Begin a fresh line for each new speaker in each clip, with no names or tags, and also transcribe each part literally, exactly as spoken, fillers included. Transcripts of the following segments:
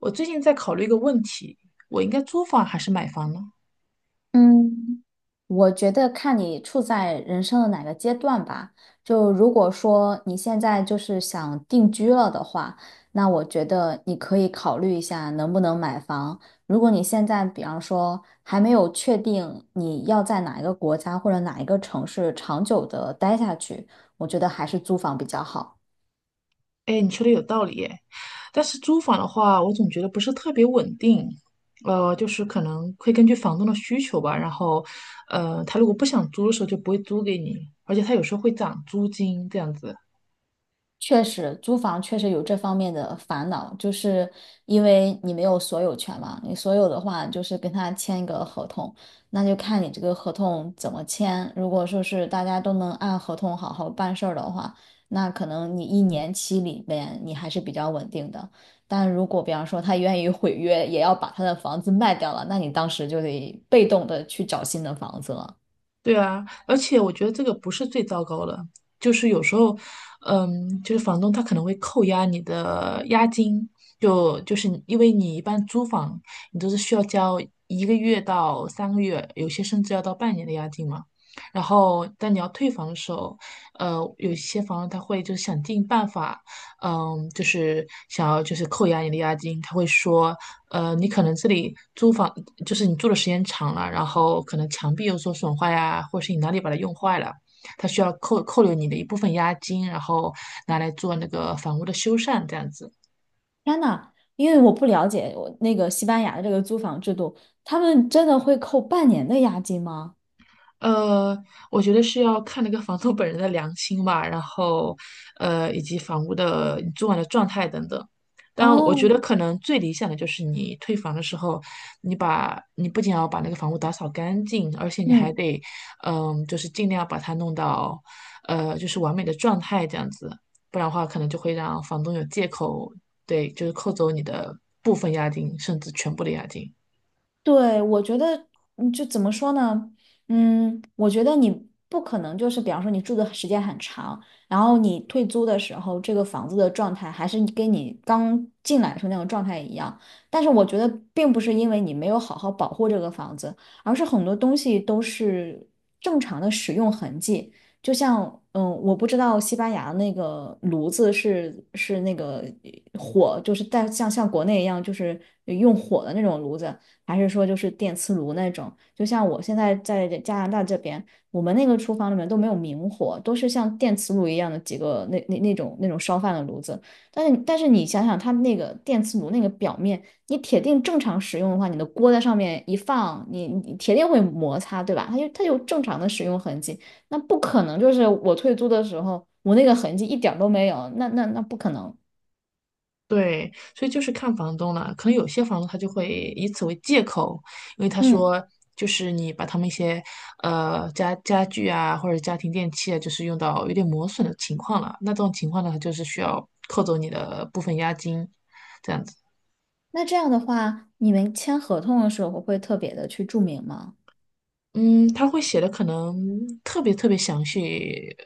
我最近在考虑一个问题，我应该租房还是买房呢？
嗯，我觉得看你处在人生的哪个阶段吧。就如果说你现在就是想定居了的话，那我觉得你可以考虑一下能不能买房。如果你现在比方说还没有确定你要在哪一个国家或者哪一个城市长久的待下去，我觉得还是租房比较好。
哎，你说的有道理耶，但是租房的话，我总觉得不是特别稳定，呃，就是可能会根据房东的需求吧，然后，呃，他如果不想租的时候就不会租给你，而且他有时候会涨租金这样子。
确实，租房确实有这方面的烦恼，就是因为你没有所有权嘛。你所有的话，就是跟他签一个合同，那就看你这个合同怎么签。如果说是大家都能按合同好好办事儿的话，那可能你一年期里面你还是比较稳定的。但如果比方说他愿意毁约，也要把他的房子卖掉了，那你当时就得被动的去找新的房子了。
对啊，而且我觉得这个不是最糟糕的，就是有时候，嗯，就是房东他可能会扣押你的押金，就就是你因为你一般租房，你都是需要交一个月到三个月，有些甚至要到半年的押金嘛。然后，但你要退房的时候，呃，有些房东他会就想尽办法嗯，就是想要就是扣押你的押金，他会说，呃，你可能这里租房就是你住的时间长了，然后可能墙壁有所损坏呀，或是你哪里把它用坏了，他需要扣扣留你的一部分押金，然后拿来做那个房屋的修缮这样子。
天呐，因为我不了解我那个西班牙的这个租房制度，他们真的会扣半年的押金吗？
呃，我觉得是要看那个房东本人的良心吧，然后，呃，以及房屋的你租完的状态等等。当然，我觉
哦，
得可能最理想的就是你退房的时候，你把你不仅要把那个房屋打扫干净，而且你还
嗯。
得，嗯、就是尽量把它弄到，呃，就是完美的状态这样子，不然的话可能就会让房东有借口，对，就是扣走你的部分押金，甚至全部的押金。
对，我觉得，嗯就怎么说呢？嗯，我觉得你不可能就是，比方说你住的时间很长，然后你退租的时候，这个房子的状态还是你跟你刚进来的时候那种状态一样。但是我觉得，并不是因为你没有好好保护这个房子，而是很多东西都是正常的使用痕迹。就像，嗯，我不知道西班牙那个炉子是是那个火，就是带像像国内一样，就是用火的那种炉子。还是说就是电磁炉那种？就像我现在在加拿大这边，我们那个厨房里面都没有明火，都是像电磁炉一样的几个那那那种那种烧饭的炉子。但是但是你想想，它那个电磁炉那个表面，你铁定正常使用的话，你的锅在上面一放，你你铁定会摩擦，对吧？它就它有正常的使用痕迹，那不可能就是我退租的时候，我那个痕迹一点儿都没有，那那那不可能。
对，所以就是看房东了。可能有些房东他就会以此为借口，因为他
嗯，
说就是你把他们一些呃家家具啊或者家庭电器啊，就是用到有点磨损的情况了，那这种情况呢，他就是需要扣走你的部分押金。这样子。
那这样的话，你们签合同的时候会特别的去注明吗？
嗯，他会写的可能特别特别详细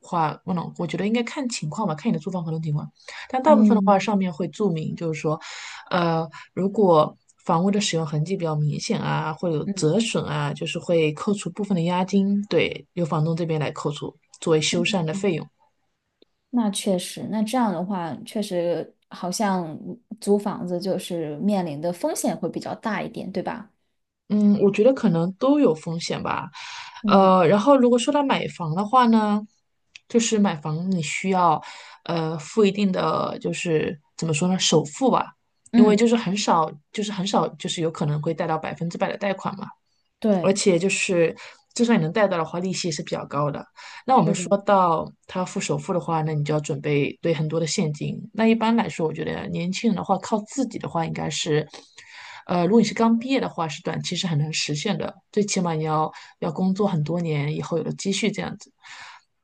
话，不能，我觉得应该看情况吧，看你的租房合同情况。但大部分的话，
嗯
上面会注明，就是说，呃，如果房屋的使用痕迹比较明显啊，会有
嗯，
折损啊，就是会扣除部分的押金，对，由房东这边来扣除作为修缮的费用。
那确实，那这样的话，确实好像租房子就是面临的风险会比较大一点，对吧？
嗯，我觉得可能都有风险吧。
嗯
呃，然后如果说到买房的话呢，就是买房你需要呃付一定的就是怎么说呢，首付吧，因为就
嗯，
是很少，就是很少，就是有可能会贷到百分之百的贷款嘛，而
对，
且就是就算你能贷到的话，利息也是比较高的。
是的，
说到他付首付的话，那你就要准备对很多的现金。那一般来说，我觉得年轻人的话，靠自己的话，应该是，呃，如果你是刚毕业的话，是短期是很难实现的，最起码你要要工作很多年以后有了积蓄这样子。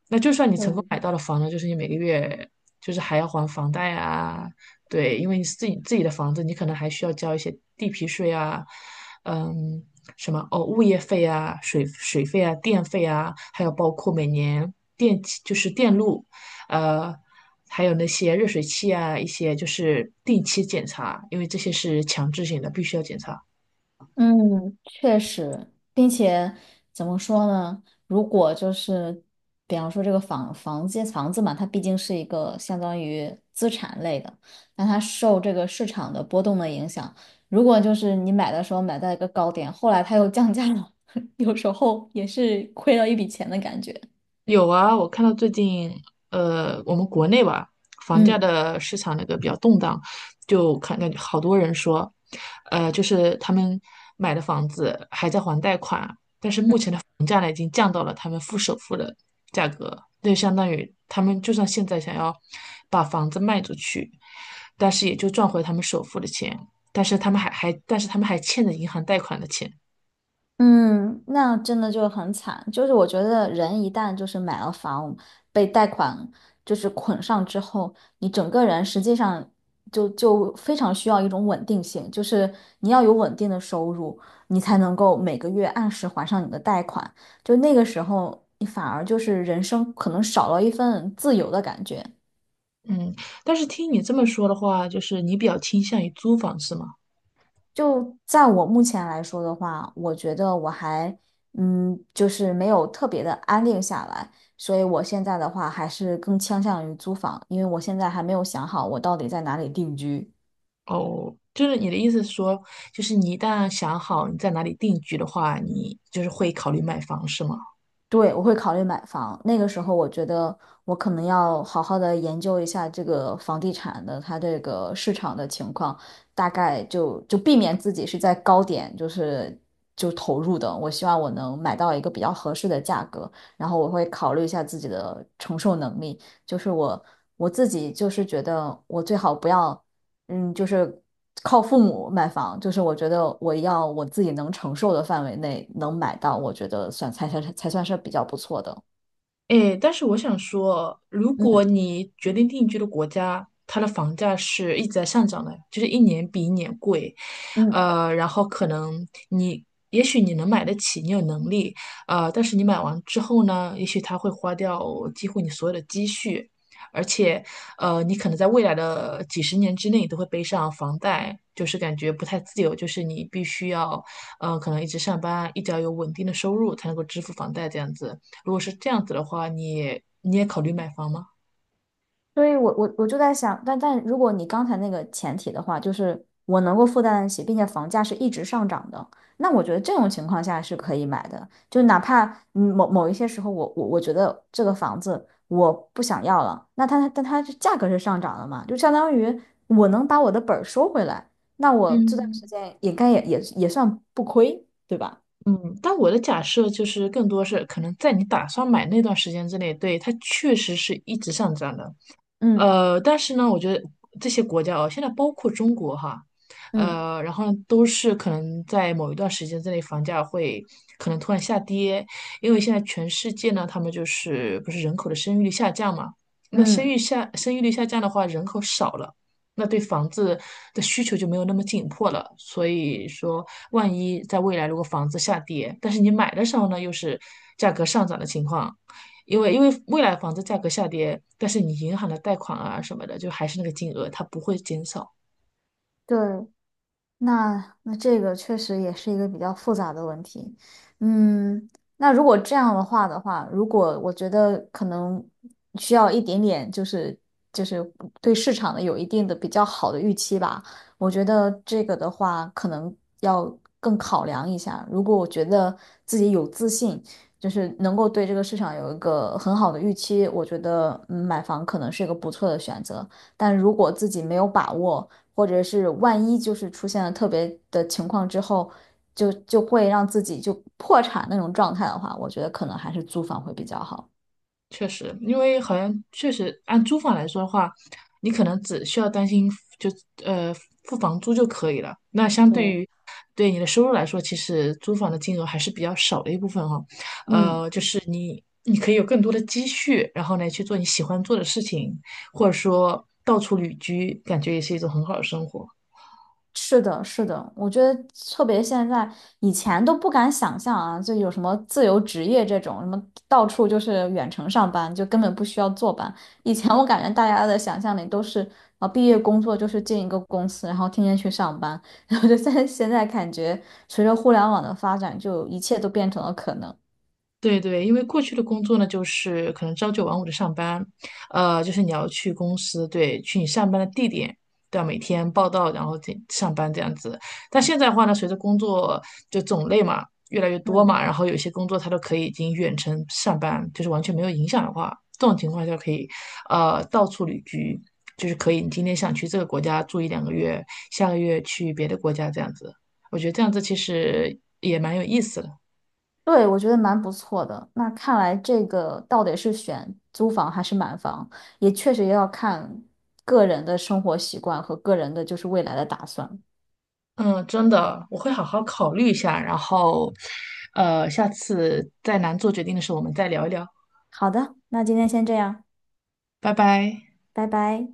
那就算你成功
对。
买到了房呢，就是你每个月就是还要还房贷啊，对，因为你自己自己的房子，你可能还需要交一些地皮税啊，嗯，什么哦，物业费啊、水水费啊、电费啊，还有包括每年电气就是电路，呃，还有那些热水器啊，一些就是定期检查，因为这些是强制性的，必须要检查。
嗯，确实，并且怎么说呢？如果就是，比方说这个房房间房子嘛，它毕竟是一个相当于资产类的，那它受这个市场的波动的影响，如果就是你买的时候买在一个高点，后来它又降价了，有时候也是亏了一笔钱的感觉。
有啊，我看到最近，呃，我们国内吧，房价
嗯。
的市场那个比较动荡，就看感觉好多人说，呃，就是他们买的房子还在还贷款，房价呢已经降到了他们付首付的价格，那就相当于他们就算现在想要把房子卖出去，但是也就赚回他们首付的钱，但是他们还还但是他们还欠着银行贷款的钱，
嗯，那真的就很惨。就是我觉得人一旦就是买了房，被贷款就是捆上之后，你整个人实际上就就非常需要一种稳定性，就是你要有稳定的收入，你才能够每个月按时还上你的贷款。就那个时候，你反而就是人生可能少了一份自由的感觉。
嗯，但是听你这么说的话，就是你比较倾向于租房是吗？
就在我目前来说的话，我觉得我还，嗯，就是没有特别的安定下来，所以我现在的话还是更倾向于租房，因为我现在还没有想好我到底在哪里定居。
哦，就是你的意思是说，就是你一旦想好你在哪里定居的话，你就是会考虑买房，是吗？
对，我会考虑买房。那个时候，我觉得我可能要好好的研究一下这个房地产的它这个市场的情况，大概就就避免自己是在高点，就是就投入的。我希望我能买到一个比较合适的价格，然后我会考虑一下自己的承受能力。就是我我自己就是觉得我最好不要。嗯，就是靠父母买房，就是我觉得我要我自己能承受的范围内能买到，我觉得算才才才算是比较不错的。
哎，但是我想说，如果
嗯
你决定定居的国家，它的房价是一直在上涨的，就是一年比一年贵，
嗯。
呃，然后可能你，也许你能买得起，你有能力，呃，但是你买完之后呢，也许它会花掉几乎你所有的积蓄，而且，呃，你可能在未来的几十年之内都会背上房贷，就是感觉不太自由，就是你必须要，呃，可能一直上班，一直要有稳定的收入才能够支付房贷这样子。如果是这样子的话，你也你也考虑买房吗？
所以我我我就在想，但但如果你刚才那个前提的话，就是我能够负担得起，并且房价是一直上涨的，那我觉得这种情况下是可以买的。就哪怕嗯某某一些时候我，我我觉得这个房子我不想要了，那它但它是价格是上涨了嘛，就相当于我能把我的本儿收回来，那我这段时
嗯
间也该也也也算不亏，对吧？
嗯，但我的假设就是更多是可能在你打算买那段时间之内，对，它确实是一直上涨的，
嗯
呃，但是呢，我觉得这些国家哦，现在包括中国哈，
嗯
呃，然后呢，都是可能在某一段时间之内，房价会可能突然下跌，因为现在全世界呢，他们就是不是人口的生育率下降嘛，那生育
嗯，
下生育率下降的话，人口少了。那对房子的需求就没有那么紧迫了，所以说，万一在未来如果房子下跌，但是你买的时候呢，又是价格上涨的情况，因为因为未来房子价格下跌，但是你银行的贷款啊什么的，就还是那个金额，它不会减少。
对，那那这个确实也是一个比较复杂的问题，嗯，那如果这样的话的话，如果我觉得可能需要一点点，就是就是对市场的有一定的比较好的预期吧，我觉得这个的话可能要更考量一下。如果我觉得自己有自信，就是能够对这个市场有一个很好的预期，我觉得嗯买房可能是一个不错的选择。但如果自己没有把握，或者是万一就是出现了特别的情况之后，就就会让自己就破产那种状态的话，我觉得可能还是租房会比较好。
确实，因为好像确实按租房来说的话，你可能只需要担心就呃付房租就可以了。那相对
嗯。
于对你的收入来说，其实租房的金额还是比较少的一部分哈、
嗯。
呃，就是你你可以有更多的积蓄，然后呢去做你喜欢做的事情，或者说到处旅居，感觉也是一种很好的生活。
是的，是的，我觉得特别现在，以前都不敢想象啊，就有什么自由职业这种，什么到处就是远程上班，就根本不需要坐班。以前我感觉大家的想象里都是啊，毕业工作就是进一个公司，然后天天去上班。然后就现在现在感觉，随着互联网的发展，就一切都变成了可能。
对对，因为过去的工作呢，就是可能朝九晚五的上班，呃，就是你要去公司，对，去你上班的地点，对啊，每天报到，然后这上班这样子。但现在的话呢，随着工作就种类嘛越来越多
嗯。
嘛，然后有些工作它都可以已经远程上班，就是完全没有影响的话，这种情况下可以，呃，到处旅居，就是可以你今天想去这个国家住一两个月，下个月去别的国家这样子。我觉得这样子其实也蛮有意思的。
对，我觉得蛮不错的。那看来这个到底是选租房还是买房，也确实要看个人的生活习惯和个人的就是未来的打算。
嗯，真的，我会好好考虑一下，然后，呃，下次再难做决定的时候，我们再聊一聊。
好的，那今天先这样，
拜拜。
拜拜。